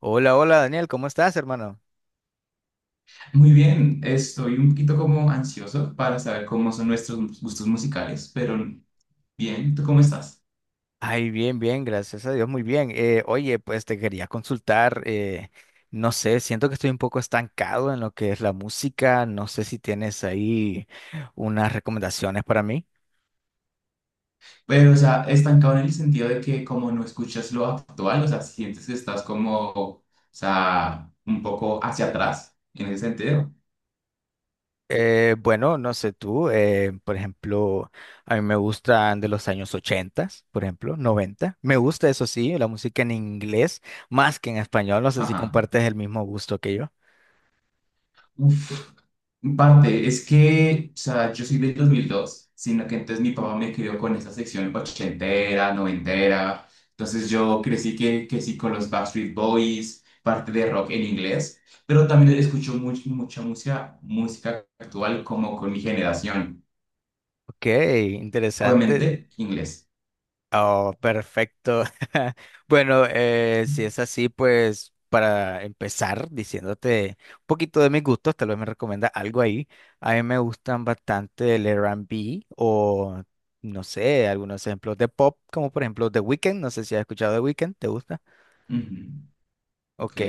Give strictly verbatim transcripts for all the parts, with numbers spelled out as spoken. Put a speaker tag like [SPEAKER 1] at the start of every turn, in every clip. [SPEAKER 1] Hola, hola Daniel, ¿cómo estás, hermano?
[SPEAKER 2] Muy bien, estoy un poquito como ansioso para saber cómo son nuestros gustos musicales, pero bien, ¿tú cómo estás?
[SPEAKER 1] Ay, bien, bien, gracias a Dios, muy bien. Eh, oye, pues te quería consultar, eh, no sé, siento que estoy un poco estancado en lo que es la música, no sé si tienes ahí unas recomendaciones para mí.
[SPEAKER 2] Pero, o sea, estancado en el sentido de que como no escuchas lo actual, o sea, sientes que estás como, o sea, un poco hacia atrás en ese sentido.
[SPEAKER 1] Eh, bueno, no sé tú, eh, por ejemplo, a mí me gustan de los años ochenta, por ejemplo, noventa. Me gusta, eso sí, la música en inglés más que en español, no sé si
[SPEAKER 2] Ajá.
[SPEAKER 1] compartes el mismo gusto que yo.
[SPEAKER 2] Uf, en parte, es que, o sea, yo soy del dos mil dos, sino que entonces mi papá me crió con esa sección ochentera, noventera, entonces yo crecí que, que sí con los Backstreet Boys, parte de rock en inglés, pero también escucho much- mucha música, música actual como con mi generación,
[SPEAKER 1] Ok, interesante.
[SPEAKER 2] obviamente inglés.
[SPEAKER 1] Oh, perfecto. Bueno, eh, si es así, pues para empezar diciéndote un poquito de mis gustos, tal vez me recomienda algo ahí. A mí me gustan bastante el R B o, no sé, algunos ejemplos de pop, como por ejemplo The Weeknd. No sé si has escuchado The Weeknd, ¿te gusta?
[SPEAKER 2] Ujú. Ok,
[SPEAKER 1] Ok,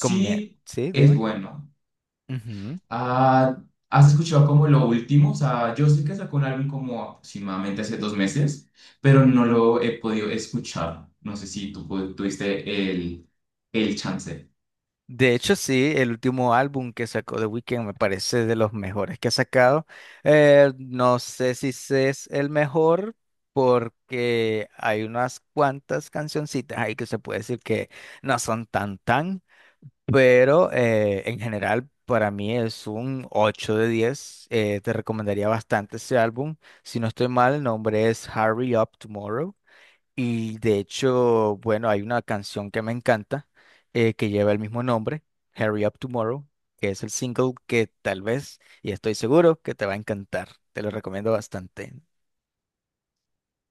[SPEAKER 1] como me- sí,
[SPEAKER 2] es
[SPEAKER 1] dime.
[SPEAKER 2] bueno.
[SPEAKER 1] Ujú.
[SPEAKER 2] Ah, ¿has escuchado como lo último? O sea, yo sé que sacó un álbum como aproximadamente hace dos meses, pero no lo he podido escuchar. No sé si tú pu- tuviste el, el chance.
[SPEAKER 1] De hecho, sí, el último álbum que sacó The Weeknd me parece de los mejores que ha sacado. Eh, no sé si ese es el mejor porque hay unas cuantas cancioncitas ahí que se puede decir que no son tan tan, pero eh, en general para mí es un ocho de diez. Eh, te recomendaría bastante ese álbum. Si no estoy mal, el nombre es Hurry Up Tomorrow. Y de hecho, bueno, hay una canción que me encanta eh, que lleva el mismo nombre, Hurry Up Tomorrow, que es el single que tal vez, y estoy seguro que te va a encantar. Te lo recomiendo bastante.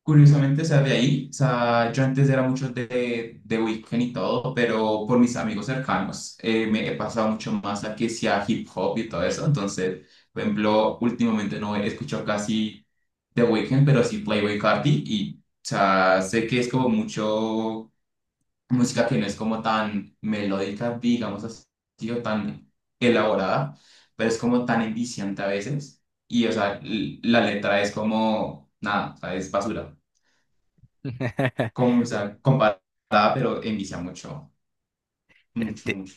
[SPEAKER 2] Curiosamente, o sea, de ahí, o sea, yo antes era mucho de, de Weeknd y todo, pero por mis amigos cercanos eh, me he pasado mucho más a que sea hip hop y todo eso. Entonces, por ejemplo, últimamente no he escuchado casi The Weeknd, pero sí Playboi Carti y, o sea, sé que es como mucho música que no es como tan melódica, digamos así, o tan elaborada, pero es como tan enviciante a veces. Y, o sea, l- la letra es como, nada, o sea, es basura. Como, o sea, comparada, pero envicia mucho, mucho,
[SPEAKER 1] Enti-
[SPEAKER 2] mucho.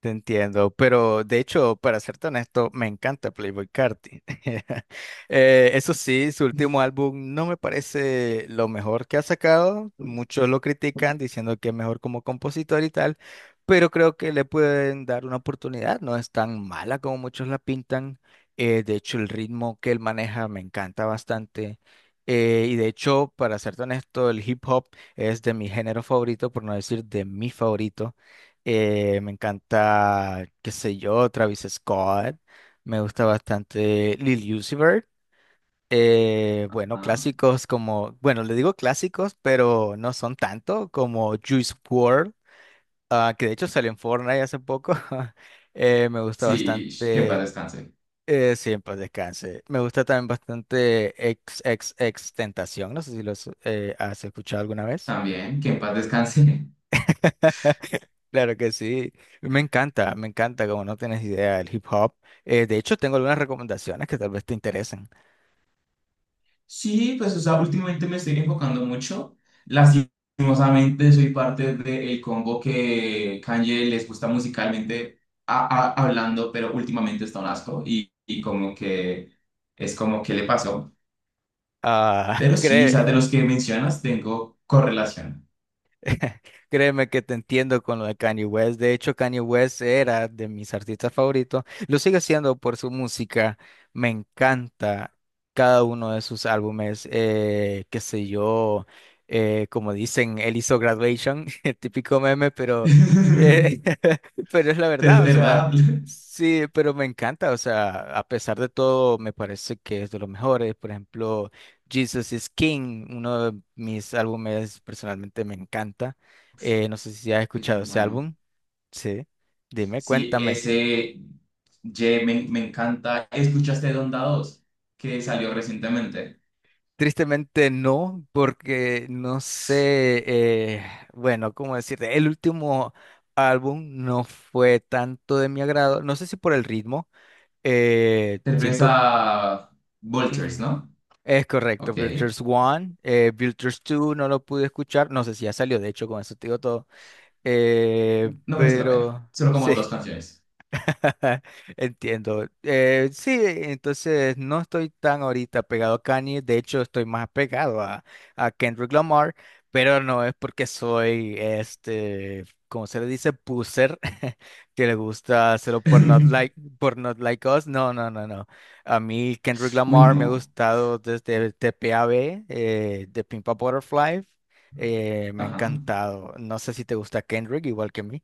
[SPEAKER 1] Te entiendo, pero de hecho, para serte honesto, me encanta Playboy Carti. Eh, eso sí, su último álbum no me parece lo mejor que ha sacado. Muchos lo critican diciendo que es mejor como compositor y tal, pero creo que le pueden dar una oportunidad. No es tan mala como muchos la pintan. Eh, de hecho, el ritmo que él maneja me encanta bastante. Eh, y de hecho, para serte honesto, el hip hop es de mi género favorito, por no decir de mi favorito. Eh, me encanta, qué sé yo, Travis Scott. Me gusta bastante Lil Uzi Vert. Eh, bueno,
[SPEAKER 2] Ah,
[SPEAKER 1] clásicos como, bueno, le digo clásicos, pero no son tanto como Juice world, ah, que de hecho salió en Fortnite hace poco. Eh, me gusta
[SPEAKER 2] sí, que en paz
[SPEAKER 1] bastante,
[SPEAKER 2] descanse.
[SPEAKER 1] eh, siempre descanse. Me gusta también bastante ex Tentación. No sé si los eh, has escuchado alguna vez.
[SPEAKER 2] También, que en paz descanse.
[SPEAKER 1] Claro que sí, me encanta, me encanta, como no tienes idea del hip hop. Eh, de hecho, tengo algunas recomendaciones que tal vez te interesen.
[SPEAKER 2] Sí, pues, o sea, últimamente me estoy enfocando mucho. Lastimosamente soy parte del combo que Kanye les gusta musicalmente a- a- hablando, pero últimamente está un asco y, y como que es como que le pasó.
[SPEAKER 1] Ah,
[SPEAKER 2] Pero sí, o sea,
[SPEAKER 1] cree.
[SPEAKER 2] de los que mencionas tengo correlación.
[SPEAKER 1] Créeme que te entiendo con lo de Kanye West. De hecho, Kanye West era de mis artistas favoritos. Lo sigue siendo por su música. Me encanta cada uno de sus álbumes. Eh, qué sé yo, eh, como dicen, él hizo Graduation, el típico meme, pero, eh, pero es la
[SPEAKER 2] Pero
[SPEAKER 1] verdad.
[SPEAKER 2] es
[SPEAKER 1] O sea,
[SPEAKER 2] verdad.
[SPEAKER 1] sí, pero me encanta. O sea, a pesar de todo, me parece que es de los mejores. Por ejemplo. Jesus is King, uno de mis álbumes personalmente me encanta. Eh, no sé si has
[SPEAKER 2] Es muy
[SPEAKER 1] escuchado ese
[SPEAKER 2] bueno.
[SPEAKER 1] álbum. Sí, dime,
[SPEAKER 2] Sí,
[SPEAKER 1] cuéntame.
[SPEAKER 2] ese Ye me, me encanta. ¿Escuchaste Donda dos, que salió recientemente?
[SPEAKER 1] Tristemente no, porque no sé, eh, bueno, cómo decirte, el último álbum no fue tanto de mi agrado, no sé si por el ritmo, eh,
[SPEAKER 2] Te refieres
[SPEAKER 1] siento,
[SPEAKER 2] a Vultures,
[SPEAKER 1] ujú,
[SPEAKER 2] ¿no?
[SPEAKER 1] es correcto,
[SPEAKER 2] Ok.
[SPEAKER 1] Builders One, eh, Builders dos no lo pude escuchar, no sé si ya salió, de hecho, con eso te digo todo, eh,
[SPEAKER 2] No merece la pena.
[SPEAKER 1] pero
[SPEAKER 2] Solo como
[SPEAKER 1] sí.
[SPEAKER 2] dos canciones.
[SPEAKER 1] Entiendo. Eh, sí, entonces no estoy tan ahorita pegado a Kanye, de hecho estoy más pegado a, a Kendrick Lamar, pero no es porque soy, este, como se le dice, puser, que le gusta hacerlo por Not Like, por Not Like Us. No, no, no, no. A mí Kendrick
[SPEAKER 2] Uy,
[SPEAKER 1] Lamar me ha
[SPEAKER 2] no.
[SPEAKER 1] gustado desde T P A B, eh, de Pimp a Butterfly, eh, me ha
[SPEAKER 2] Ajá.
[SPEAKER 1] encantado. No sé si te gusta Kendrick igual que a mí.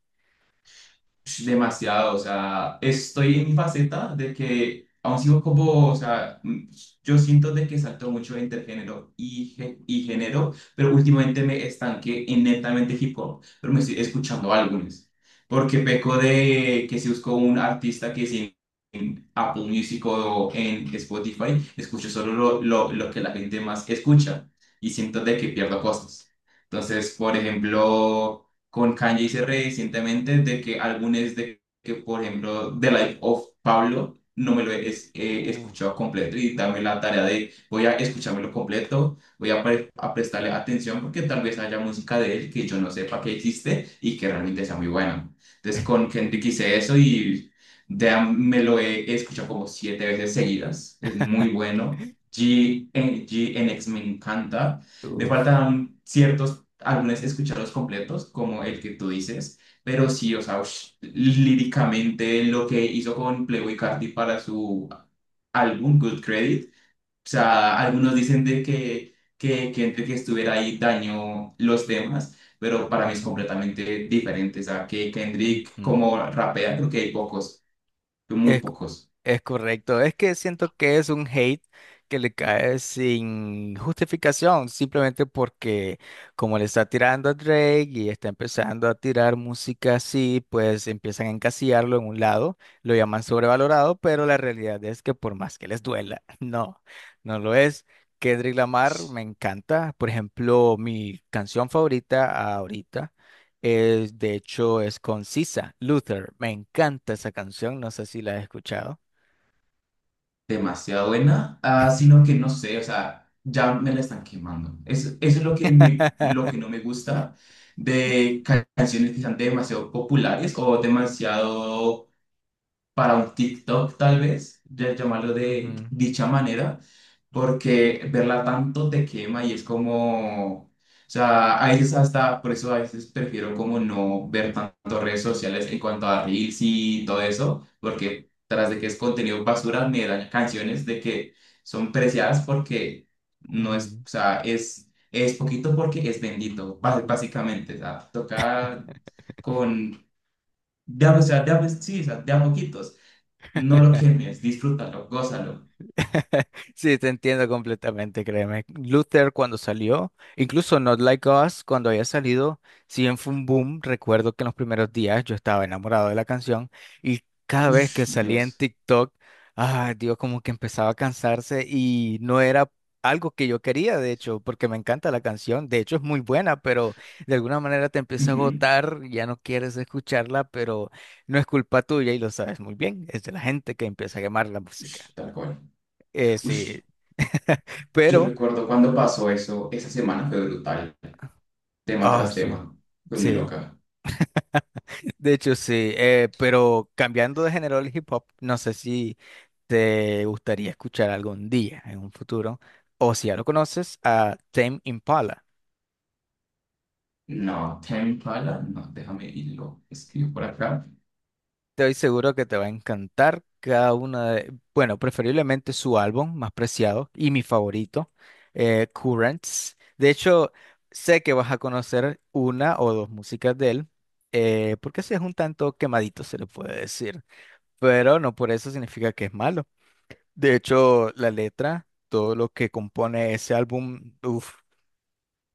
[SPEAKER 2] Ush, demasiado, o sea, estoy en mi faceta de que aún sigo como, o sea, mm, yo siento de que salto mucho entre género y, gé- y género, pero últimamente me estanqué en netamente hip hop, pero me estoy escuchando álbumes, porque peco de que si busco un artista que si en Apple Music o en Spotify, escucho solo lo, lo, lo que la gente más escucha y siento de que pierdo cosas. Entonces, por ejemplo, con Kanye hice recientemente de que álbumes de que, por ejemplo, The Life of Pablo, no me lo he es- he
[SPEAKER 1] Uh,
[SPEAKER 2] escuchado completo y dame la tarea de voy a escuchármelo completo, voy a, pre- a prestarle atención porque tal vez haya música de él que yo no sepa que existe y que realmente sea muy buena. Entonces con Kendrick hice eso y de- me lo he escuchado como siete veces seguidas, es muy bueno. G, N, X me encanta. Me
[SPEAKER 1] Uf.
[SPEAKER 2] faltan ciertos álbumes, escucharlos completos, como el que tú dices, pero sí, o sea, ush, líricamente lo que hizo con Playboy Carti para su álbum Good Credit, o sea, algunos dicen de que, que, que entre que estuviera ahí dañó los temas, pero para mí
[SPEAKER 1] Mm,
[SPEAKER 2] es
[SPEAKER 1] mm.
[SPEAKER 2] completamente diferente, o sea, que Kendrick
[SPEAKER 1] Ujú.
[SPEAKER 2] como rapea, creo que hay pocos, muy
[SPEAKER 1] Es,
[SPEAKER 2] pocos.
[SPEAKER 1] es correcto. Es que siento que es un hate que le cae sin justificación, simplemente porque como le está tirando a Drake y está empezando a tirar música así, pues empiezan a encasillarlo en un lado, lo llaman sobrevalorado, pero la realidad es que por más que les duela, no, no lo es. Kendrick Lamar me encanta. Por ejemplo, mi canción favorita ahorita. Es, de hecho, es concisa. Luther, me encanta esa canción, no sé si la has escuchado.
[SPEAKER 2] Demasiado buena, ah, sino que no sé, o sea, ya me la están quemando. Es, eso es lo que, me, lo que no me gusta de ca- canciones que sean demasiado populares o demasiado para un TikTok tal vez, ya llamarlo de
[SPEAKER 1] Ujú,
[SPEAKER 2] dicha manera, porque verla tanto te quema y es como, o sea, a veces hasta, por eso a veces prefiero como no ver tanto redes sociales en cuanto a reels y todo eso, porque tras de que es contenido basura, me dan canciones de que son preciadas porque no es,
[SPEAKER 1] ujú.
[SPEAKER 2] o sea, es, es poquito porque es bendito, bá- básicamente, o sea, toca con... De, a- o sea, de, a- sí, o sea, de a moquitos. No lo quemes, disfrútalo, gózalo.
[SPEAKER 1] Sí, te entiendo completamente, créeme. Luther cuando salió, incluso Not Like Us cuando había salido, si bien fue un boom, recuerdo que en los primeros días yo estaba enamorado de la canción y cada vez
[SPEAKER 2] Uf,
[SPEAKER 1] que salía en
[SPEAKER 2] Dios.
[SPEAKER 1] TikTok, ah, Dios, como que empezaba a cansarse y no era algo que yo quería, de hecho, porque me encanta la canción, de hecho es muy buena, pero de alguna manera te empieza a
[SPEAKER 2] Ujú.
[SPEAKER 1] agotar, ya no quieres escucharla, pero no es culpa tuya y lo sabes muy bien, es de la gente que empieza a quemar la música.
[SPEAKER 2] Ush, tal cual.
[SPEAKER 1] Eh,
[SPEAKER 2] Ush,
[SPEAKER 1] sí,
[SPEAKER 2] yo
[SPEAKER 1] pero,
[SPEAKER 2] recuerdo cuando pasó eso, esa semana fue brutal. Tema
[SPEAKER 1] ah,
[SPEAKER 2] tras
[SPEAKER 1] sí,
[SPEAKER 2] tema, con mi
[SPEAKER 1] sí,
[SPEAKER 2] loca.
[SPEAKER 1] de hecho sí, eh, pero cambiando de género al hip hop, no sé si te gustaría escuchar algún día en un futuro, o si ya lo conoces, a Tame Impala.
[SPEAKER 2] No, Tame Impala, no, déjame irlo. Escribo por acá.
[SPEAKER 1] Estoy seguro que te va a encantar cada una de, bueno, preferiblemente su álbum más preciado y mi favorito, eh, Currents. De hecho, sé que vas a conocer una o dos músicas de él, eh, porque ese es un tanto quemadito, se le puede decir. Pero no por eso significa que es malo. De hecho, la letra, todo lo que compone ese álbum, uf,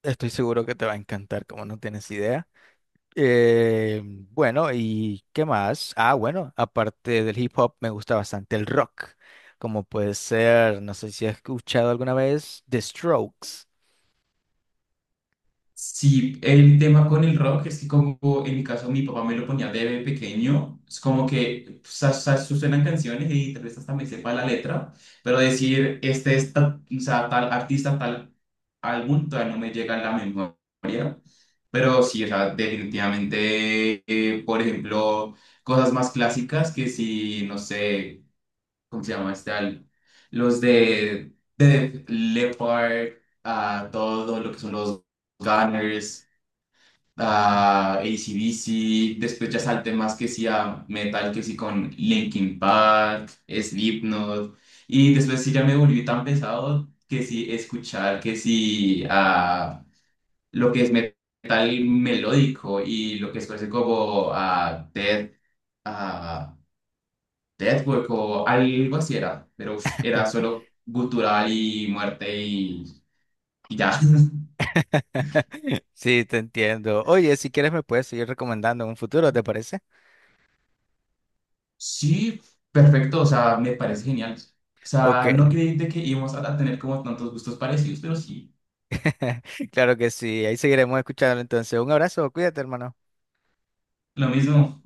[SPEAKER 1] estoy seguro que te va a encantar, como no tienes idea. Eh, bueno, ¿y qué más? Ah, bueno, aparte del hip hop, me gusta bastante el rock, como puede ser, no sé si has escuchado alguna vez, The Strokes.
[SPEAKER 2] Sí, el tema con el rock es que como en mi caso mi papá me lo ponía de pequeño, es como que sa- sa- suenan canciones y tal vez hasta me sepa la letra, pero decir este es ta- o sea, tal artista, tal álbum, todavía no me llega a la memoria, pero sí, o sea, definitivamente, eh, por ejemplo, cosas más clásicas que si, no sé, ¿cómo se llama este álbum? Los de, de Leopard Leppard, a todo lo que son los Gunners,
[SPEAKER 1] Ujú.
[SPEAKER 2] ah, a AC/D C, después ya salté más que sí a metal, que sí con Linkin Park, Slipknot, y después sí ya me volví tan pesado que sí escuchar, que sí a lo que es metal melódico y lo que es parece como a Death, ah, Deathwork o algo así era, pero ush, era solo gutural y muerte y, y ya.
[SPEAKER 1] Sí, te entiendo. Oye, si quieres me puedes seguir recomendando en un futuro, ¿te parece?
[SPEAKER 2] Sí, perfecto, o sea, me parece genial. O
[SPEAKER 1] Ok.
[SPEAKER 2] sea, no creí de que íbamos a a tener como tantos gustos parecidos, pero sí,
[SPEAKER 1] Claro que sí, ahí seguiremos escuchando entonces. Un abrazo, cuídate, hermano.
[SPEAKER 2] lo mismo.